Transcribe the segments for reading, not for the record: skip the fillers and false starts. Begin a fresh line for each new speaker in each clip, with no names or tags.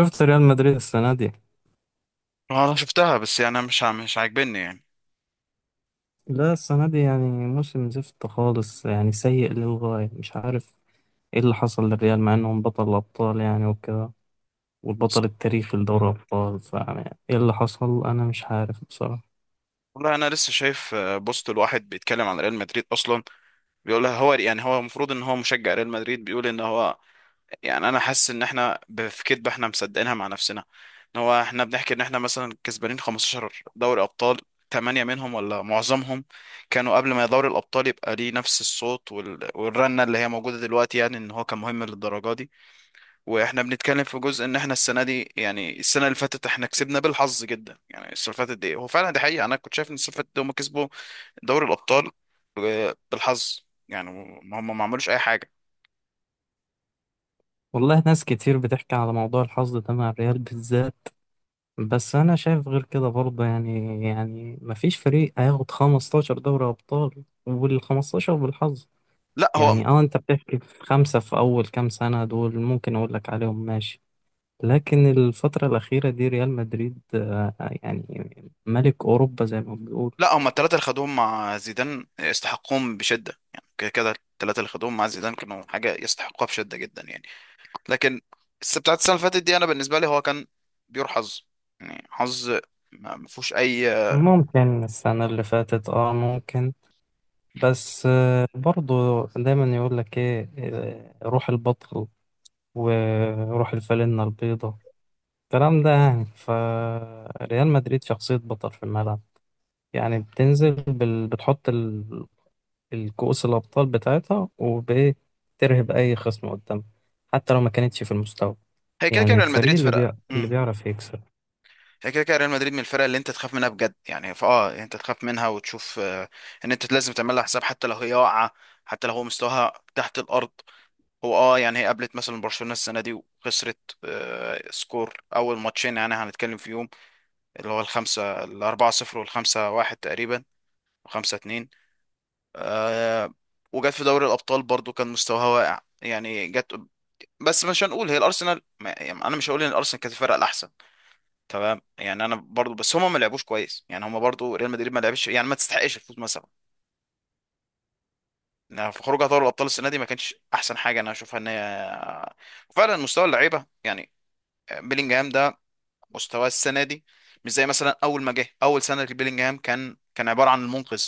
شفت ريال مدريد السنة دي؟
آه، انا شفتها، بس يعني أنا مش مش عاجبني يعني.
لا، السنة دي يعني موسم زفت خالص، يعني سيء للغاية. مش عارف ايه اللي حصل للريال، مع انهم بطل الأبطال يعني وكده، والبطل التاريخي لدوري الأبطال. فيعني ايه اللي حصل، أنا مش عارف بصراحة.
والله انا لسه شايف بوست الواحد بيتكلم عن ريال مدريد اصلا. بيقول لها هو يعني هو المفروض ان هو مشجع ريال مدريد، بيقول ان هو يعني انا حاسس ان احنا في كدبه احنا مصدقينها مع نفسنا. ان هو احنا بنحكي ان احنا مثلا كسبانين 15 دوري ابطال، ثمانية منهم ولا معظمهم كانوا قبل ما دوري الابطال يبقى ليه نفس الصوت والرنه اللي هي موجوده دلوقتي، يعني ان هو كان مهم للدرجه دي. واحنا بنتكلم في جزء ان احنا السنه دي، يعني السنه اللي فاتت احنا كسبنا بالحظ جدا. يعني السنه اللي فاتت دي هو فعلا دي حقيقه، انا كنت شايف ان السنه اللي فاتت دي هم كسبوا دوري الابطال بالحظ، يعني ما هم ما عملوش اي حاجه.
والله ناس كتير بتحكي على موضوع الحظ ده مع الريال بالذات، بس أنا شايف غير كده برضه. يعني مفيش فريق هياخد 15 دوري أبطال وال 15 بالحظ.
لا هو
يعني انت بتحكي في خمسة في أول كام سنة دول، ممكن أقول لك عليهم ماشي. لكن الفترة الأخيرة دي ريال مدريد يعني ملك أوروبا زي ما بنقول.
لا هم الثلاثه اللي خدوهم مع زيدان يستحقوهم بشده، يعني كده كده الثلاثه اللي خدوهم مع زيدان كانوا حاجه يستحقوها بشده جدا يعني. لكن بتاعت السنه اللي فاتت دي انا بالنسبه لي هو كان بيور حظ، يعني حظ ما فيهوش اي.
ممكن السنة اللي فاتت ممكن. بس برضو دايما يقول لك ايه، روح البطل وروح الفالنة البيضة، الكلام ده. يعني فريال مدريد شخصية بطل في الملعب، يعني بتنزل بتحط الكؤوس الأبطال بتاعتها، وبترهب أي خصم قدامها حتى لو ما كانتش في المستوى.
هي كده كده
يعني
ريال
الفريق
مدريد فرقه،
اللي بيعرف يكسب.
هي كده كده ريال مدريد من الفرق اللي انت تخاف منها بجد، يعني فاه انت تخاف منها وتشوف ان انت لازم تعمل لها حساب حتى لو هي واقعه، حتى لو هو مستواها تحت الارض. هو يعني هي قابلت مثلا برشلونه السنه دي وخسرت سكور اول ماتشين يعني هنتكلم فيهم، اللي هو الخمسه الاربعه صفر والخمسه واحد تقريبا وخمسه اتنين. آه، وجت في دوري الابطال برضو كان مستواها واقع، يعني جت بس مش هنقول هي الارسنال يعني انا مش هقول ان الارسنال كانت الفرقه الاحسن. تمام، يعني انا برضو بس هما ما لعبوش كويس، يعني هما برضو ريال مدريد ما لعبش يعني ما تستحقش الفوز مثلا. يعني في خروجها دوري الابطال السنه دي ما كانش احسن حاجه انا اشوفها ان هي وفعلا مستوى اللعيبه يعني. بيلينجهام ده مستواه السنه دي مش زي مثلا اول ما جه. اول سنه لبيلينجهام كان عباره عن المنقذ،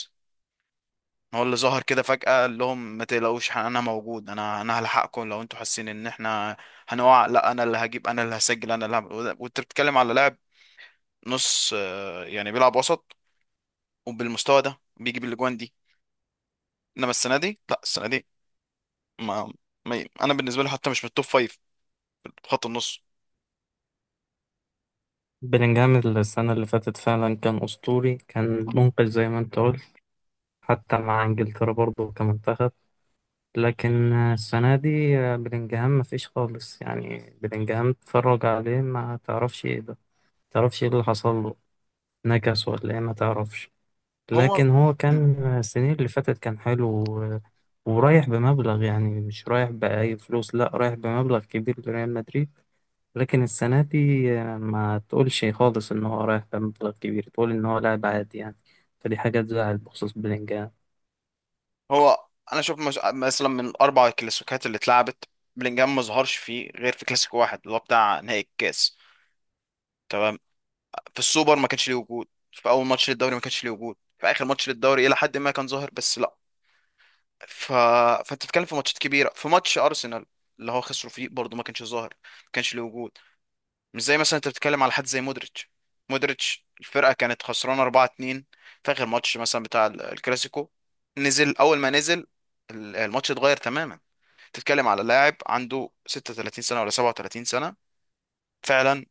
هو اللي ظهر كده فجاه قال لهم ما تقلقوش انا موجود، انا هلحقكم لو انتوا حاسين ان احنا هنقع. لا انا اللي هجيب، انا اللي هسجل، انا اللي هعمل، وانت بتتكلم على لاعب نص يعني بيلعب وسط، وبالمستوى ده بيجيب الاجوان دي. انما السنه دي ما, ما انا بالنسبه له حتى مش من التوب فايف في خط النص.
بلينجهام السنة اللي فاتت فعلا كان أسطوري، كان منقذ زي ما أنت قلت، حتى مع إنجلترا برضه كمنتخب. لكن السنة دي بلينجهام مفيش خالص. يعني بلينجهام اتفرج عليه، ما تعرفش إيه ده، ما تعرفش إيه اللي حصل له. نكس ولا إيه؟ ما تعرفش.
هو
لكن هو
مم.
كان، السنين اللي فاتت، كان حلو ورايح بمبلغ، يعني مش رايح بأي فلوس، لا رايح بمبلغ كبير لريال مدريد. لكن السنة دي ما تقولش خالص إن هو رايح بمبلغ كبير، تقول إن هو لاعب عادي يعني. فدي حاجة تزعل بخصوص بلينجهام.
هو انا شوف مثلا من الاربع كلاسيكات اللي اتلعبت، بلينجهام ما ظهرش فيه غير في كلاسيكو واحد اللي هو بتاع نهائي الكاس، تمام؟ في السوبر ما كانش ليه وجود، في اول ماتش للدوري ما كانش ليه وجود، في اخر ماتش للدوري الى حد ما كان ظاهر بس لا. ف... فانت بتتكلم في ماتشات كبيره، في ماتش ارسنال اللي هو خسروا فيه برضه ما كانش ظاهر، ما كانش ليه وجود. مش زي مثلا انت بتتكلم على حد زي مودريتش. مودريتش الفرقه كانت خسرانه 4-2 في اخر ماتش مثلا بتاع الكلاسيكو، نزل اول ما نزل الماتش اتغير تماما. تتكلم على لاعب عنده 36 سنه ولا 37 سنه، فعلا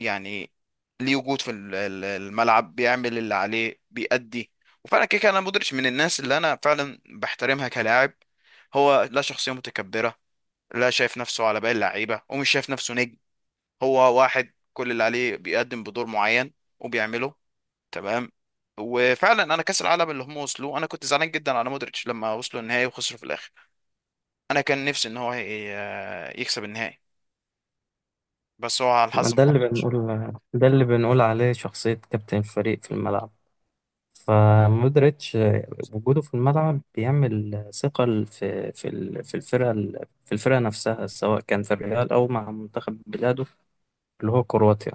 يعني ليه وجود في الملعب، بيعمل اللي عليه، بيأدي. وفعلا كده كده انا مودريتش من الناس اللي انا فعلا بحترمها كلاعب. هو لا شخصيه متكبره، لا شايف نفسه على باقي اللعيبه ومش شايف نفسه نجم. هو واحد كل اللي عليه بيقدم بدور معين وبيعمله، تمام؟ وفعلا انا كاس العالم اللي هم وصلوا انا كنت زعلان جدا على مودريتش لما وصلوا النهائي وخسروا في الاخر. انا كان نفسي ان هو يكسب النهائي، بس هو على
ما
الحظ ما
ده اللي
حلفش.
بنقول، ده اللي بنقول عليه شخصية كابتن الفريق في الملعب. فمودريتش وجوده في الملعب بيعمل ثقل في في الفرقة نفسها، سواء كان في الريال أو مع منتخب بلاده اللي هو كرواتيا.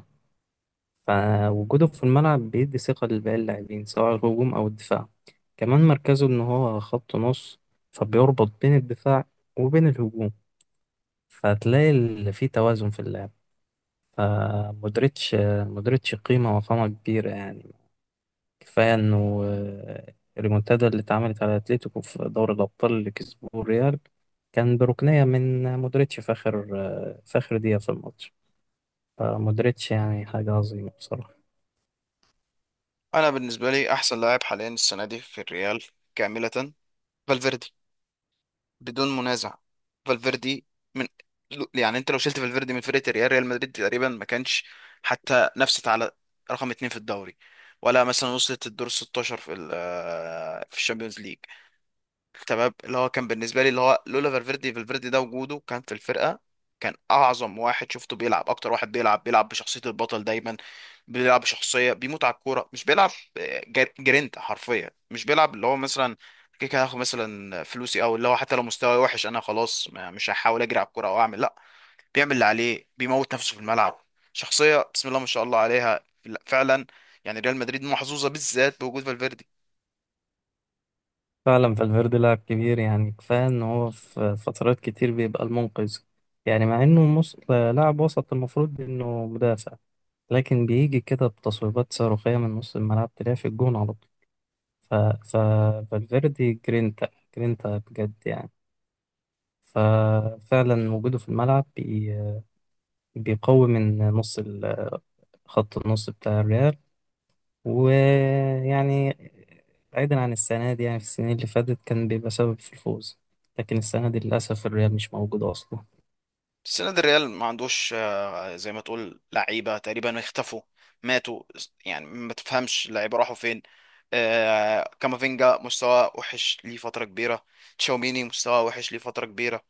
فوجوده في الملعب بيدي ثقة لباقي اللاعبين، سواء الهجوم أو الدفاع. كمان مركزه إن هو خط نص، فبيربط بين الدفاع وبين الهجوم، فتلاقي في توازن في اللعب. فمودريتش مودريتش قيمة وفما كبيرة يعني. كفاية إنه الريمونتادا اللي اتعملت على أتليتيكو في دوري الأبطال اللي كسبوه الريال، كان بركنية من مودريتش في آخر دقيقة في الماتش. فمودريتش يعني حاجة عظيمة بصراحة.
انا بالنسبه لي احسن لاعب حاليا السنه دي في الريال كامله فالفيردي بدون منازع. فالفيردي من، يعني انت لو شلت فالفيردي من فرقه ريال مدريد تقريبا ما كانش حتى نفست على رقم اتنين في الدوري، ولا مثلا وصلت الدور 16 في في الشامبيونز ليج. تمام، اللي هو كان بالنسبه لي اللي هو لولا فالفيردي، فالفيردي ده وجوده كان في الفرقه، كان اعظم واحد شفته بيلعب. اكتر واحد بيلعب بشخصيه البطل دايما، بيلعب بشخصيه بيموت على الكوره، مش بيلعب جرينتا حرفيا. مش بيلعب اللي هو مثلا كده كده هاخد مثلا فلوسي، او اللي هو حتى لو مستواي وحش انا خلاص مش هحاول اجري على الكوره او اعمل، لا، بيعمل اللي عليه، بيموت نفسه في الملعب. شخصيه بسم الله ما شاء الله عليها، لا، فعلا. يعني ريال مدريد محظوظه بالذات بوجود فالفيردي.
فعلا فالفيردي لاعب كبير، يعني كفاية إن هو في فترات كتير بيبقى المنقذ. يعني مع إنه لاعب وسط، المفروض إنه مدافع، لكن بيجي كده بتصويبات صاروخية من نص الملعب، تلاقيه في الجون على طول. ف... ف... فالفيردي جرينتا، جرينتا بجد يعني. ففعلا وجوده في الملعب بيقوي من نص خط النص بتاع الريال. ويعني بعيدا عن السنة دي، يعني في السنين اللي فاتت كان بيبقى سبب في الفوز، لكن السنة دي للأسف الريال مش موجود أصلا.
السنه دي الريال ما عندوش، زي ما تقول لعيبة تقريبا اختفوا، ماتوا، يعني ما تفهمش اللعيبة راحوا فين. كامافينجا مستوى وحش ليه فترة كبيرة، تشاوميني مستوى وحش ليه فترة كبيرة،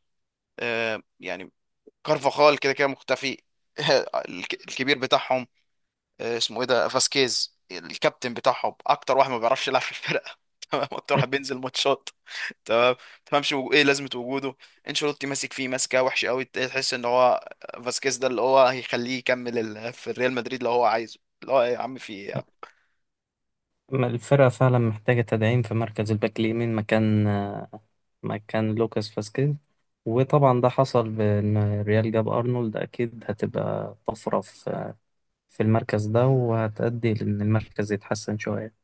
يعني كارفاخال كده كده مختفي الكبير بتاعهم اسمه ايه ده، فاسكيز، الكابتن بتاعهم، اكتر واحد ما بيعرفش يلعب في الفرقة تمام؟ اكتر واحد بينزل ماتشات، تمام؟ تفهمش ايه لازمه وجوده. انشيلوتي ماسك فيه ماسكه وحشه قوي، تحس ان هو فاسكيز ده اللي هو هيخليه يكمل في الريال مدريد، اللي هو عايزه اللي هو إيه يا عم، في ايه يا عم؟
ما الفرقة فعلا محتاجة تدعيم في مركز الباك اليمين، مكان لوكاس فاسكيز. وطبعا ده حصل بإن الريال جاب أرنولد، أكيد هتبقى طفرة في المركز ده، وهتأدي لأن المركز يتحسن شوية.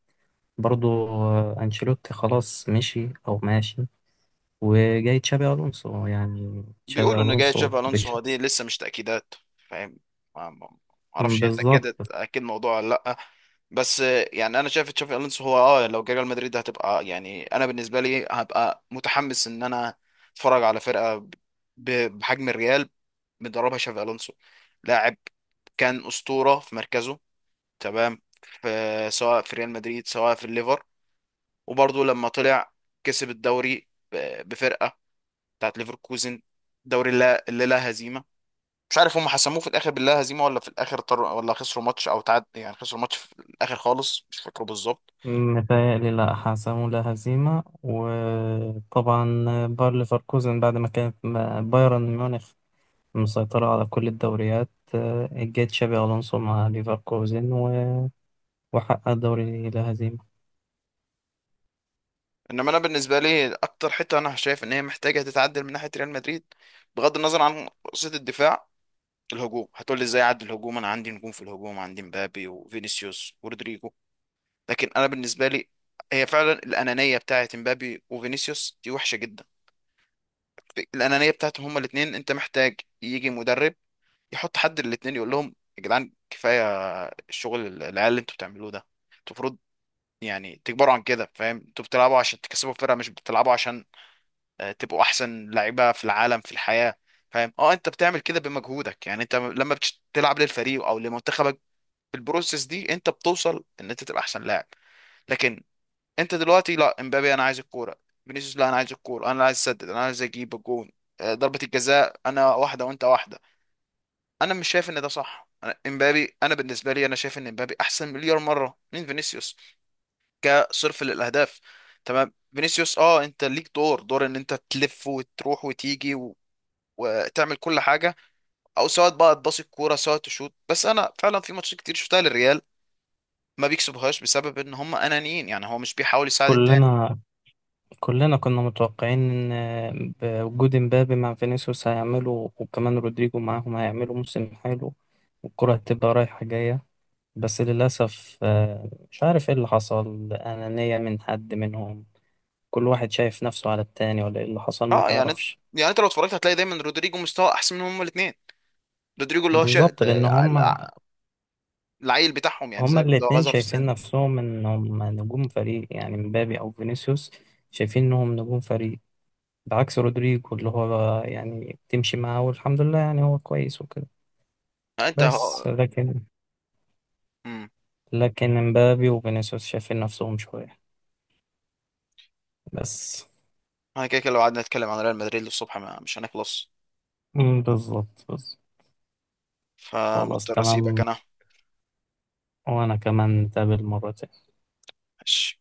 برضو أنشيلوتي خلاص مشي أو ماشي، وجاي تشابي ألونسو. يعني تشابي
بيقولوا ان جاي
ألونسو
تشافي الونسو. هو دي
بشخص.
لسه مش تاكيدات، فاهم؟ ما اعرفش هي
بالظبط.
اتاكدت اكيد الموضوع ولا لا. بس يعني انا شايف تشافي الونسو، هو لو جه ريال مدريد هتبقى، يعني انا بالنسبه لي هبقى متحمس ان انا اتفرج على فرقه بحجم الريال مدربها شافي الونسو، لاعب كان اسطوره في مركزه، تمام؟ في، سواء في ريال مدريد سواء في الليفر، وبرضه لما طلع كسب الدوري بفرقه بتاعت ليفركوزن دوري اللي لا هزيمه. مش عارف هم حسموه في الاخر باللا هزيمه ولا في الاخر ولا خسروا ماتش او تعاد، يعني خسروا ماتش في الاخر خالص مش فاكره بالظبط.
متهيألي لا، حسموا لا هزيمة. وطبعا باير ليفركوزن بعد ما كانت بايرن ميونخ مسيطرة على كل الدوريات، جه تشابي ألونسو مع ليفركوزن وحقق الدوري لا هزيمة.
انما انا بالنسبه لي اكتر حته انا شايف ان هي محتاجه تتعدل من ناحيه ريال مدريد، بغض النظر عن قصه الدفاع، الهجوم. هتقول لي ازاي اعدي الهجوم، انا عندي نجوم في الهجوم، عندي مبابي وفينيسيوس ورودريجو. لكن انا بالنسبه لي هي فعلا الانانيه بتاعه مبابي وفينيسيوس دي وحشه جدا. الانانيه بتاعتهم هما الاثنين، انت محتاج يجي مدرب يحط حد الاثنين يقول لهم يا جدعان كفايه الشغل العيال اللي انتوا بتعملوه ده. انتوا المفروض يعني تكبروا عن كده، فاهم؟ انتوا بتلعبوا عشان تكسبوا الفرقه، مش بتلعبوا عشان تبقوا احسن لعيبه في العالم في الحياه. فاهم؟ اه انت بتعمل كده بمجهودك، يعني انت لما بتلعب للفريق او لمنتخبك، البروسيس دي انت بتوصل ان انت تبقى احسن لاعب. لكن انت دلوقتي، لا امبابي انا عايز الكوره، فينيسيوس لا انا عايز الكوره، انا عايز اسدد، انا عايز اجيب الجون، ضربه الجزاء انا واحده وانت واحده. انا مش شايف ان ده صح. انا امبابي، انا بالنسبه لي انا شايف ان امبابي احسن مليار مره من فينيسيوس كصرف للاهداف، تمام؟ فينيسيوس، انت ليك دور ان انت تلف وتروح وتيجي وتعمل كل حاجه، او سواء بقى تباصي الكوره سواء تشوط. بس انا فعلا في ماتشات كتير شفتها للريال ما بيكسبوهاش بسبب ان هم انانيين، يعني هو مش بيحاول يساعد التاني.
كلنا كلنا كنا متوقعين ان بوجود امبابي مع فينيسيوس هيعملوا، وكمان رودريجو معاهم، هيعملوا موسم حلو والكرة هتبقى رايحة جاية. بس للأسف مش عارف ايه اللي حصل، أنانية من حد منهم؟ كل واحد شايف نفسه على التاني ولا ايه اللي حصل، ما
اه يعني انت-
تعرفش.
يعني انت لو اتفرجت هتلاقي دايما رودريجو مستوى احسن منهم هما الاثنين. رودريجو اللي هو
بالظبط، لأن هما
العيل بتاعهم يعني،
هما
زي اللي هو
الاتنين
غزر في السن.
شايفين نفسهم انهم نجوم فريق، يعني مبابي أو فينيسيوس شايفين انهم نجوم فريق، بعكس رودريجو اللي هو يعني بتمشي معاه والحمد لله، يعني هو كويس وكده.
آه، انت
بس
هو
لكن
امم
لكن امبابي وفينيسيوس شايفين نفسهم شوية بس.
انا كده كده لو قعدنا نتكلم عن ريال مدريد للصبح ما... مش هنخلص.
مم، بالظبط، بالظبط. خلاص
فمضطر اسيبك
تمام،
انا.
وأنا كمان نتقابل مرة تانية.
ماشي.